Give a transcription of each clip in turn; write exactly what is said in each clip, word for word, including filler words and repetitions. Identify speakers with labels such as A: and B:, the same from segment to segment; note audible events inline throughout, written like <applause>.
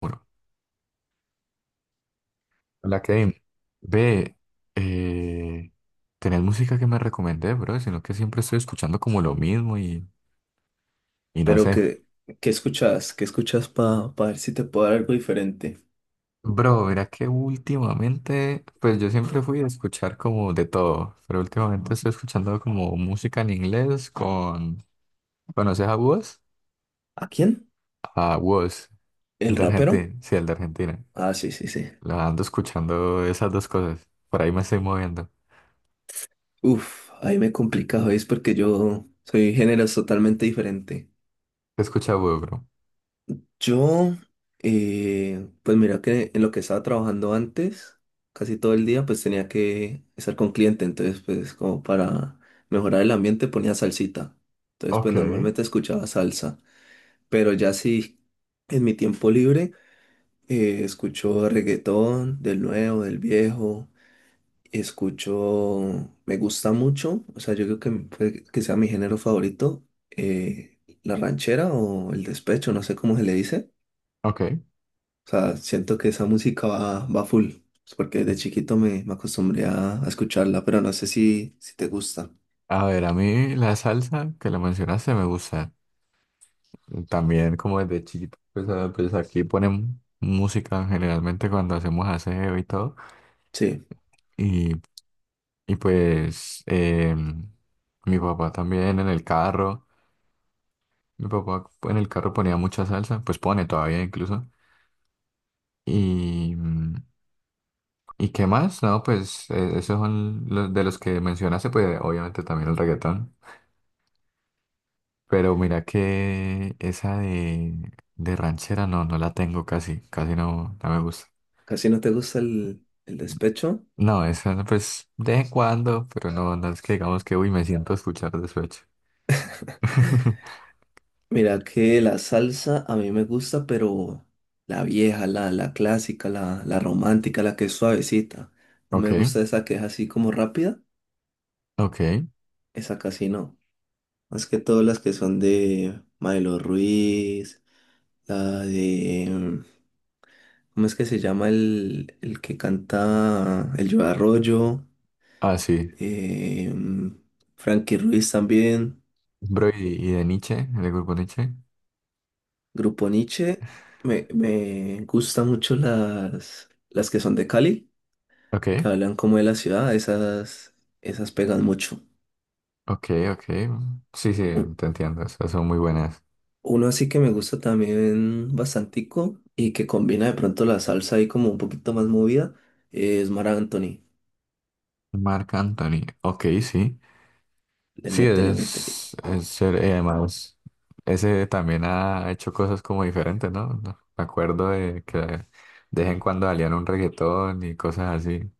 A: Bueno, hola Kevin. Ve, eh, tenés música que me recomendé, bro, sino que siempre estoy escuchando como lo mismo y, y no
B: Pero
A: sé.
B: ¿qué, qué escuchas? ¿Qué escuchas para ver si te puedo dar algo diferente?
A: Bro, mira que últimamente, pues yo siempre fui a escuchar como de todo, pero últimamente estoy escuchando como música en inglés con, ¿conoces a Wos?
B: ¿A quién?
A: A Wos,
B: ¿El
A: el de
B: rapero?
A: Argentina, sí, el de Argentina.
B: Ah, sí, sí, sí.
A: La ando escuchando esas dos cosas, por ahí me estoy moviendo.
B: Uf, ahí me he complicado es porque yo soy géneros totalmente diferente.
A: ¿Qué escucha Wos, bro?
B: Yo, eh, pues mira que en lo que estaba trabajando antes, casi todo el día, pues tenía que estar con cliente, entonces pues como para mejorar el ambiente ponía salsita. Entonces
A: Ok,
B: pues normalmente escuchaba salsa, pero ya sí, en mi tiempo libre Eh, escucho reggaetón, del nuevo, del viejo. Escucho, me gusta mucho, o sea, yo creo que puede que sea mi género favorito, eh, la ranchera o el despecho, no sé cómo se le dice.
A: ok.
B: O sea, siento que esa música va, va full, es porque de chiquito me, me acostumbré a, a escucharla, pero no sé si, si te gusta.
A: A ver, a mí la salsa que la mencionaste me gusta. También como desde chiquito, pues, a- pues aquí ponen música generalmente cuando hacemos aseo y todo.
B: Sí,
A: Y, y pues eh, mi papá también en el carro, mi papá en el carro ponía mucha salsa, pues pone todavía incluso. Y, mm, ¿y qué más? No, pues eh, esos son los de los que mencionaste, pues obviamente también el reggaetón. Pero mira que esa de, de ranchera no, no la tengo casi, casi no, no me gusta.
B: casi no te gusta el, el despecho.
A: No, esa no, pues de vez en cuando, pero no, no es que digamos que uy, me siento a escuchar despecho. <laughs>
B: Mira que la salsa a mí me gusta, pero la vieja, la, la clásica, la, la romántica, la que es suavecita. No
A: Ok,
B: me gusta esa que es así como rápida,
A: ok.
B: esa casi no. Más que todas las que son de Maelo Ruiz, la de... mm, ¿Cómo es que se llama el, el que canta El Yo Arroyo?
A: Ah, sí.
B: Eh, mm, Frankie Ruiz también,
A: Bro, y, y de Nietzsche, del grupo Nietzsche.
B: Grupo Niche. Me, me gustan mucho las, las que son de Cali
A: Ok,
B: que hablan como de la ciudad, esas, esas pegan mucho.
A: ok, ok. Sí, sí,
B: U-
A: te entiendo. Esas son muy buenas.
B: Uno así que me gusta también bastantico y que combina de pronto la salsa ahí como un poquito más movida, es Mar Anthony.
A: Marc Anthony. Ok, sí.
B: Le
A: Sí,
B: mete, le mete ahí.
A: es, es chévere, y además, ese también ha hecho cosas como diferentes, ¿no? No, me acuerdo de que de vez en cuando salían un reggaetón y cosas así.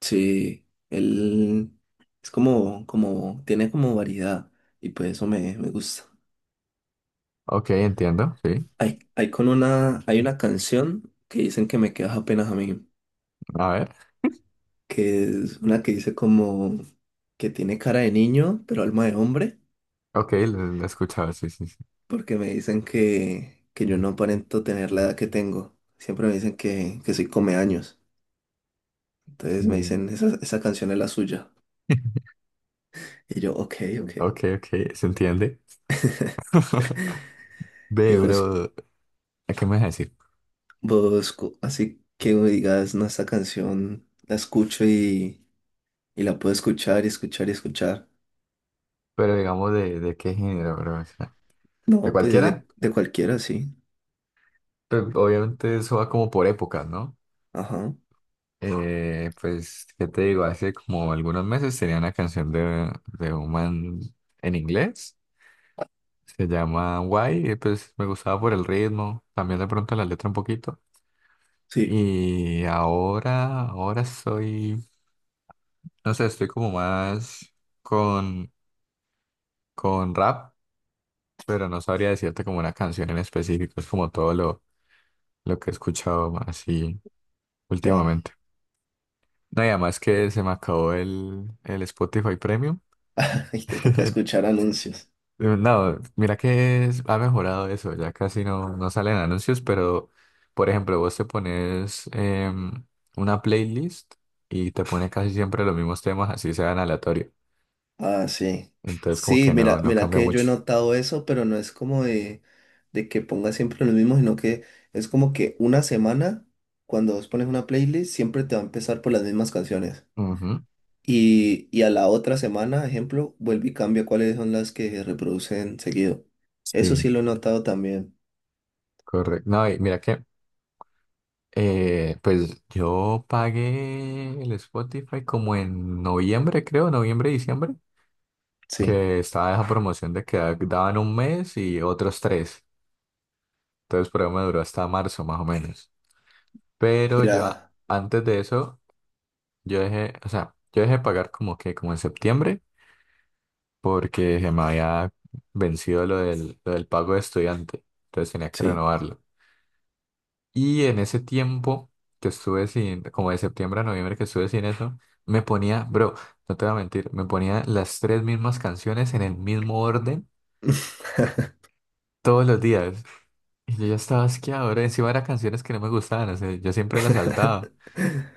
B: Sí, él es como, como, tiene como variedad y pues eso me, me gusta.
A: Ok, entiendo, sí.
B: Hay, hay con una, hay una canción que dicen que me quedas apenas a mí,
A: A ver,
B: que es una que dice como que tiene cara de niño, pero alma de hombre.
A: ok, lo, lo he escuchado, sí, sí, sí.
B: Porque me dicen que, que yo no aparento tener la edad que tengo. Siempre me dicen que, que soy come años. Entonces me
A: Mm.
B: dicen, esa, esa canción es la suya.
A: <laughs>
B: Y yo, ok, ok.
A: Ok, ok, se entiende. <laughs>
B: Y
A: Ve,
B: vos,
A: bro, ¿a qué me vas a decir?
B: vos, cu- así que me digas, no, esta canción la escucho y, y la puedo escuchar y escuchar y escuchar.
A: Pero digamos, ¿de, de qué género, bro? O sea, ¿de
B: No, pues
A: cualquiera?
B: de, de cualquiera, sí.
A: Pero obviamente eso va como por épocas, ¿no?
B: Ajá,
A: Eh, pues, ¿qué te digo? Hace como algunos meses tenía una canción de, de un man en inglés, se llama Why, y pues me gustaba por el ritmo, también de pronto la letra un poquito.
B: sí,
A: Y ahora, ahora soy, no sé, estoy como más con, con rap, pero no sabría decirte como una canción en específico, es como todo lo, lo que he escuchado así
B: ya.
A: últimamente. No, y además que se me acabó el, el Spotify Premium.
B: <laughs> Y te toca
A: <laughs>
B: escuchar anuncios.
A: Eh, No, mira que es- ha mejorado eso, ya casi no, no salen anuncios, pero por ejemplo, vos te pones em, una playlist y te pone casi siempre los mismos temas, así sean aleatorio.
B: Ah, sí.
A: Entonces como que
B: Sí,
A: no,
B: mira,
A: no
B: mira
A: cambia
B: que yo he
A: mucho.
B: notado eso, pero no es como de, de que ponga siempre lo mismo, sino que es como que una semana, cuando vos pones una playlist, siempre te va a empezar por las mismas canciones.
A: Ujú.
B: Y, y a la otra semana, ejemplo, vuelve y cambia cuáles son las que se reproducen seguido. Eso
A: Sí,
B: sí lo he notado también.
A: correcto. No, y mira que eh, pues yo pagué el Spotify como en noviembre, creo, noviembre, diciembre,
B: Sí.
A: que estaba esa promoción de que daban un mes y otros tres. Entonces, por ahí me duró hasta marzo más o menos. Pero yo a-
B: Mira,
A: antes de eso, yo dejé, o sea, yo dejé pagar como que como en septiembre porque se me había vencido lo del, lo del pago de estudiante. Entonces tenía que
B: sí.
A: renovarlo. Y en ese tiempo que estuve sin, como de septiembre a noviembre que estuve sin eso, me ponía, bro, no te voy a mentir, me ponía las tres mismas canciones en el mismo orden todos los días. Y yo ya estaba asqueado, bro. Encima eran canciones que no me gustaban, o sea, yo siempre las saltaba.
B: <laughs>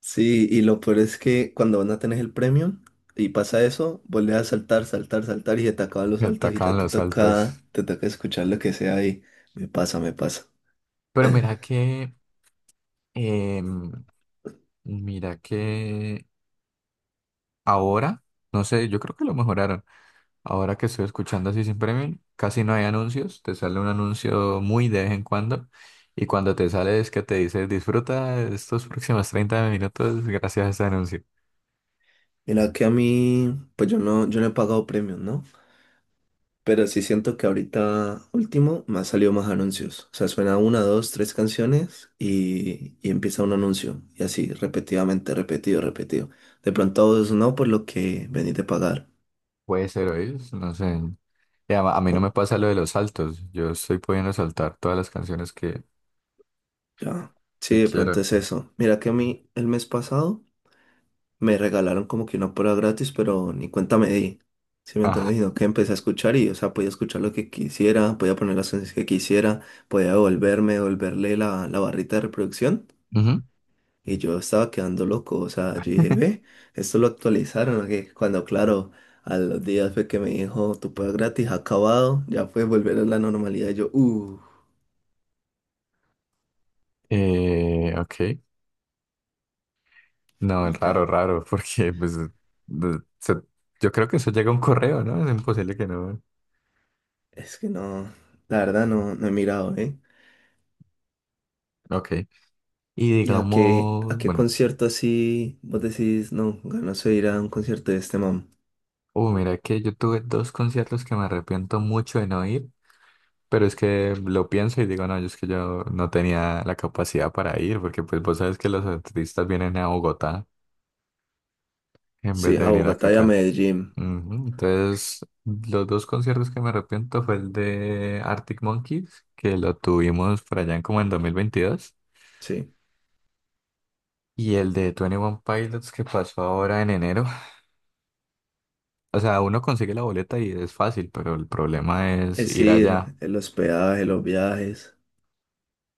B: Sí, y lo peor es que cuando van a tener el premio y pasa eso, vuelves a saltar, saltar, saltar y se te acaban los
A: Me
B: saltos y ya
A: atacaban
B: te
A: los
B: toca,
A: saltos.
B: te toca escuchar lo que sea y me pasa, me pasa.
A: Pero mira que Em, mira que ahora, no sé, yo creo que lo mejoraron. Ahora que estoy escuchando así sin premium, casi no hay anuncios. Te sale un anuncio muy de vez en cuando. Y cuando te sale es que te dice, disfruta estos próximos treinta minutos gracias a este anuncio.
B: Mira que a mí, pues yo no, yo no he pagado premios, ¿no? Pero sí siento que ahorita último me han salido más anuncios. O sea, suena una, dos, tres canciones y, y empieza un anuncio. Y así, repetidamente, repetido, repetido. De pronto a vos no, por lo que venís de pagar.
A: Puede ser hoy, no sé. Y a, a mí no me pasa lo de los saltos. Yo estoy pudiendo saltar todas las canciones que,
B: Ya. Sí,
A: que
B: de pronto
A: quiero.
B: es eso. Mira que a mí el mes pasado me regalaron como que una prueba gratis, pero ni cuenta me di. ¿Sí me
A: Ah,
B: entiendes? Sino que empecé a escuchar y, o sea, podía escuchar lo que quisiera, podía poner las canciones que quisiera, podía devolverme, devolverle la, la barrita de reproducción.
A: ujú.
B: Y yo estaba quedando loco. O sea, yo dije, ve,
A: <laughs>
B: esto lo actualizaron. Que Cuando, claro, a los días fue que me dijo, tu prueba gratis ha acabado, ya puedes volver a la normalidad. Y yo, uh,
A: Eh, ok. No, es
B: y
A: raro,
B: ya.
A: raro, porque pues de- se- yo creo que eso llega a un correo, ¿no? Es imposible que no.
B: Es que no, la verdad no, no he mirado, ¿eh?
A: Ok. Y
B: ¿Y a qué, a
A: digamos,
B: qué
A: bueno,
B: concierto así vos decís, no, ganas de ir a un concierto de este man?
A: uh, mira que yo tuve dos conciertos que me arrepiento mucho de no ir, pero es que lo pienso y digo, no, yo es que yo no tenía la capacidad para ir, porque pues vos sabes que los artistas vienen a Bogotá en vez
B: Sí,
A: de
B: a
A: venir acá
B: Bogotá y a
A: acá.
B: Medellín,
A: Ujú. Entonces, los dos conciertos que me arrepiento fue el de Arctic Monkeys, que lo tuvimos por allá en como en dos mil veintidós.
B: sí.
A: Y el de veintiuno Pilots que pasó ahora en enero. O sea, uno consigue la boleta y es fácil, pero el problema es
B: Es
A: ir
B: ir,
A: allá.
B: el hospedaje, los viajes.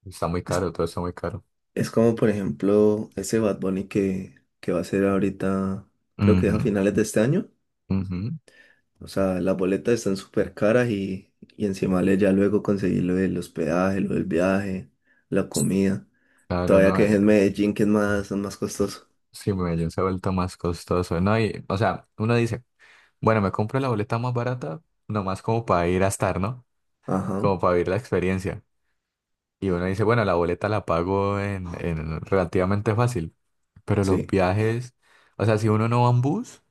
A: Está muy
B: Es,
A: caro, todo está muy caro.
B: es como, por ejemplo, ese Bad Bunny que, que va a ser ahorita, creo que es a
A: Ujú,
B: finales de este año.
A: ujú.
B: O sea, las boletas están súper caras y, y encima le ya luego conseguir lo del hospedaje, lo del viaje, la comida.
A: Claro,
B: Todavía
A: no.
B: que es
A: Eh,
B: en Medellín, que es más, es más costoso.
A: sí, Medellín se ha vuelto más costoso, ¿no? Y, o sea, uno dice, bueno, me compro la boleta más barata, nomás como para ir a estar, ¿no?
B: Ajá,
A: Como para vivir la experiencia. Y uno dice, bueno, la boleta la pago en, en relativamente fácil. Pero los
B: sí.
A: viajes, o sea, si uno no va en bus,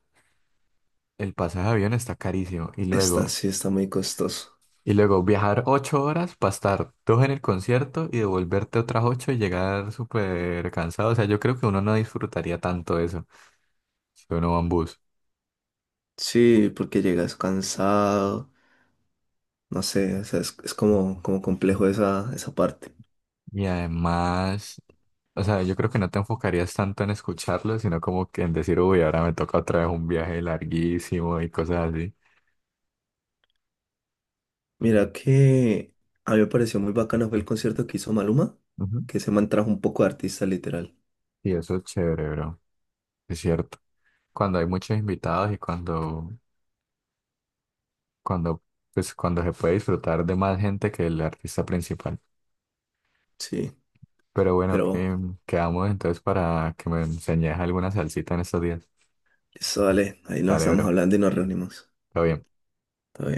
A: el pasaje de avión está carísimo. Y
B: Está,
A: luego,
B: sí, está muy costoso.
A: y luego viajar ocho horas para estar dos en el concierto y devolverte otras ocho y llegar súper cansado. O sea, yo creo que uno no disfrutaría tanto eso si uno va en bus.
B: Sí, porque llegas cansado, no sé, o sea, es, es como, como complejo esa, esa parte.
A: Y además, o sea, yo creo que no te enfocarías tanto en escucharlo, sino como que en decir, uy, ahora me toca otra vez un viaje larguísimo y cosas así.
B: Mira que a mí me pareció muy bacano fue el concierto que hizo Maluma,
A: Ujú.
B: que se man trajo un poco de artista literal.
A: Y eso es chévere, bro. Es cierto. Cuando hay muchos invitados y cuando, cuando, pues, cuando se puede disfrutar de más gente que el artista principal.
B: Sí,
A: Pero bueno,
B: pero
A: que quedamos entonces para que me enseñes alguna salsita en estos días.
B: eso vale, ahí nos
A: Dale,
B: estamos
A: bro.
B: hablando y nos reunimos.
A: Todo bien.
B: Todo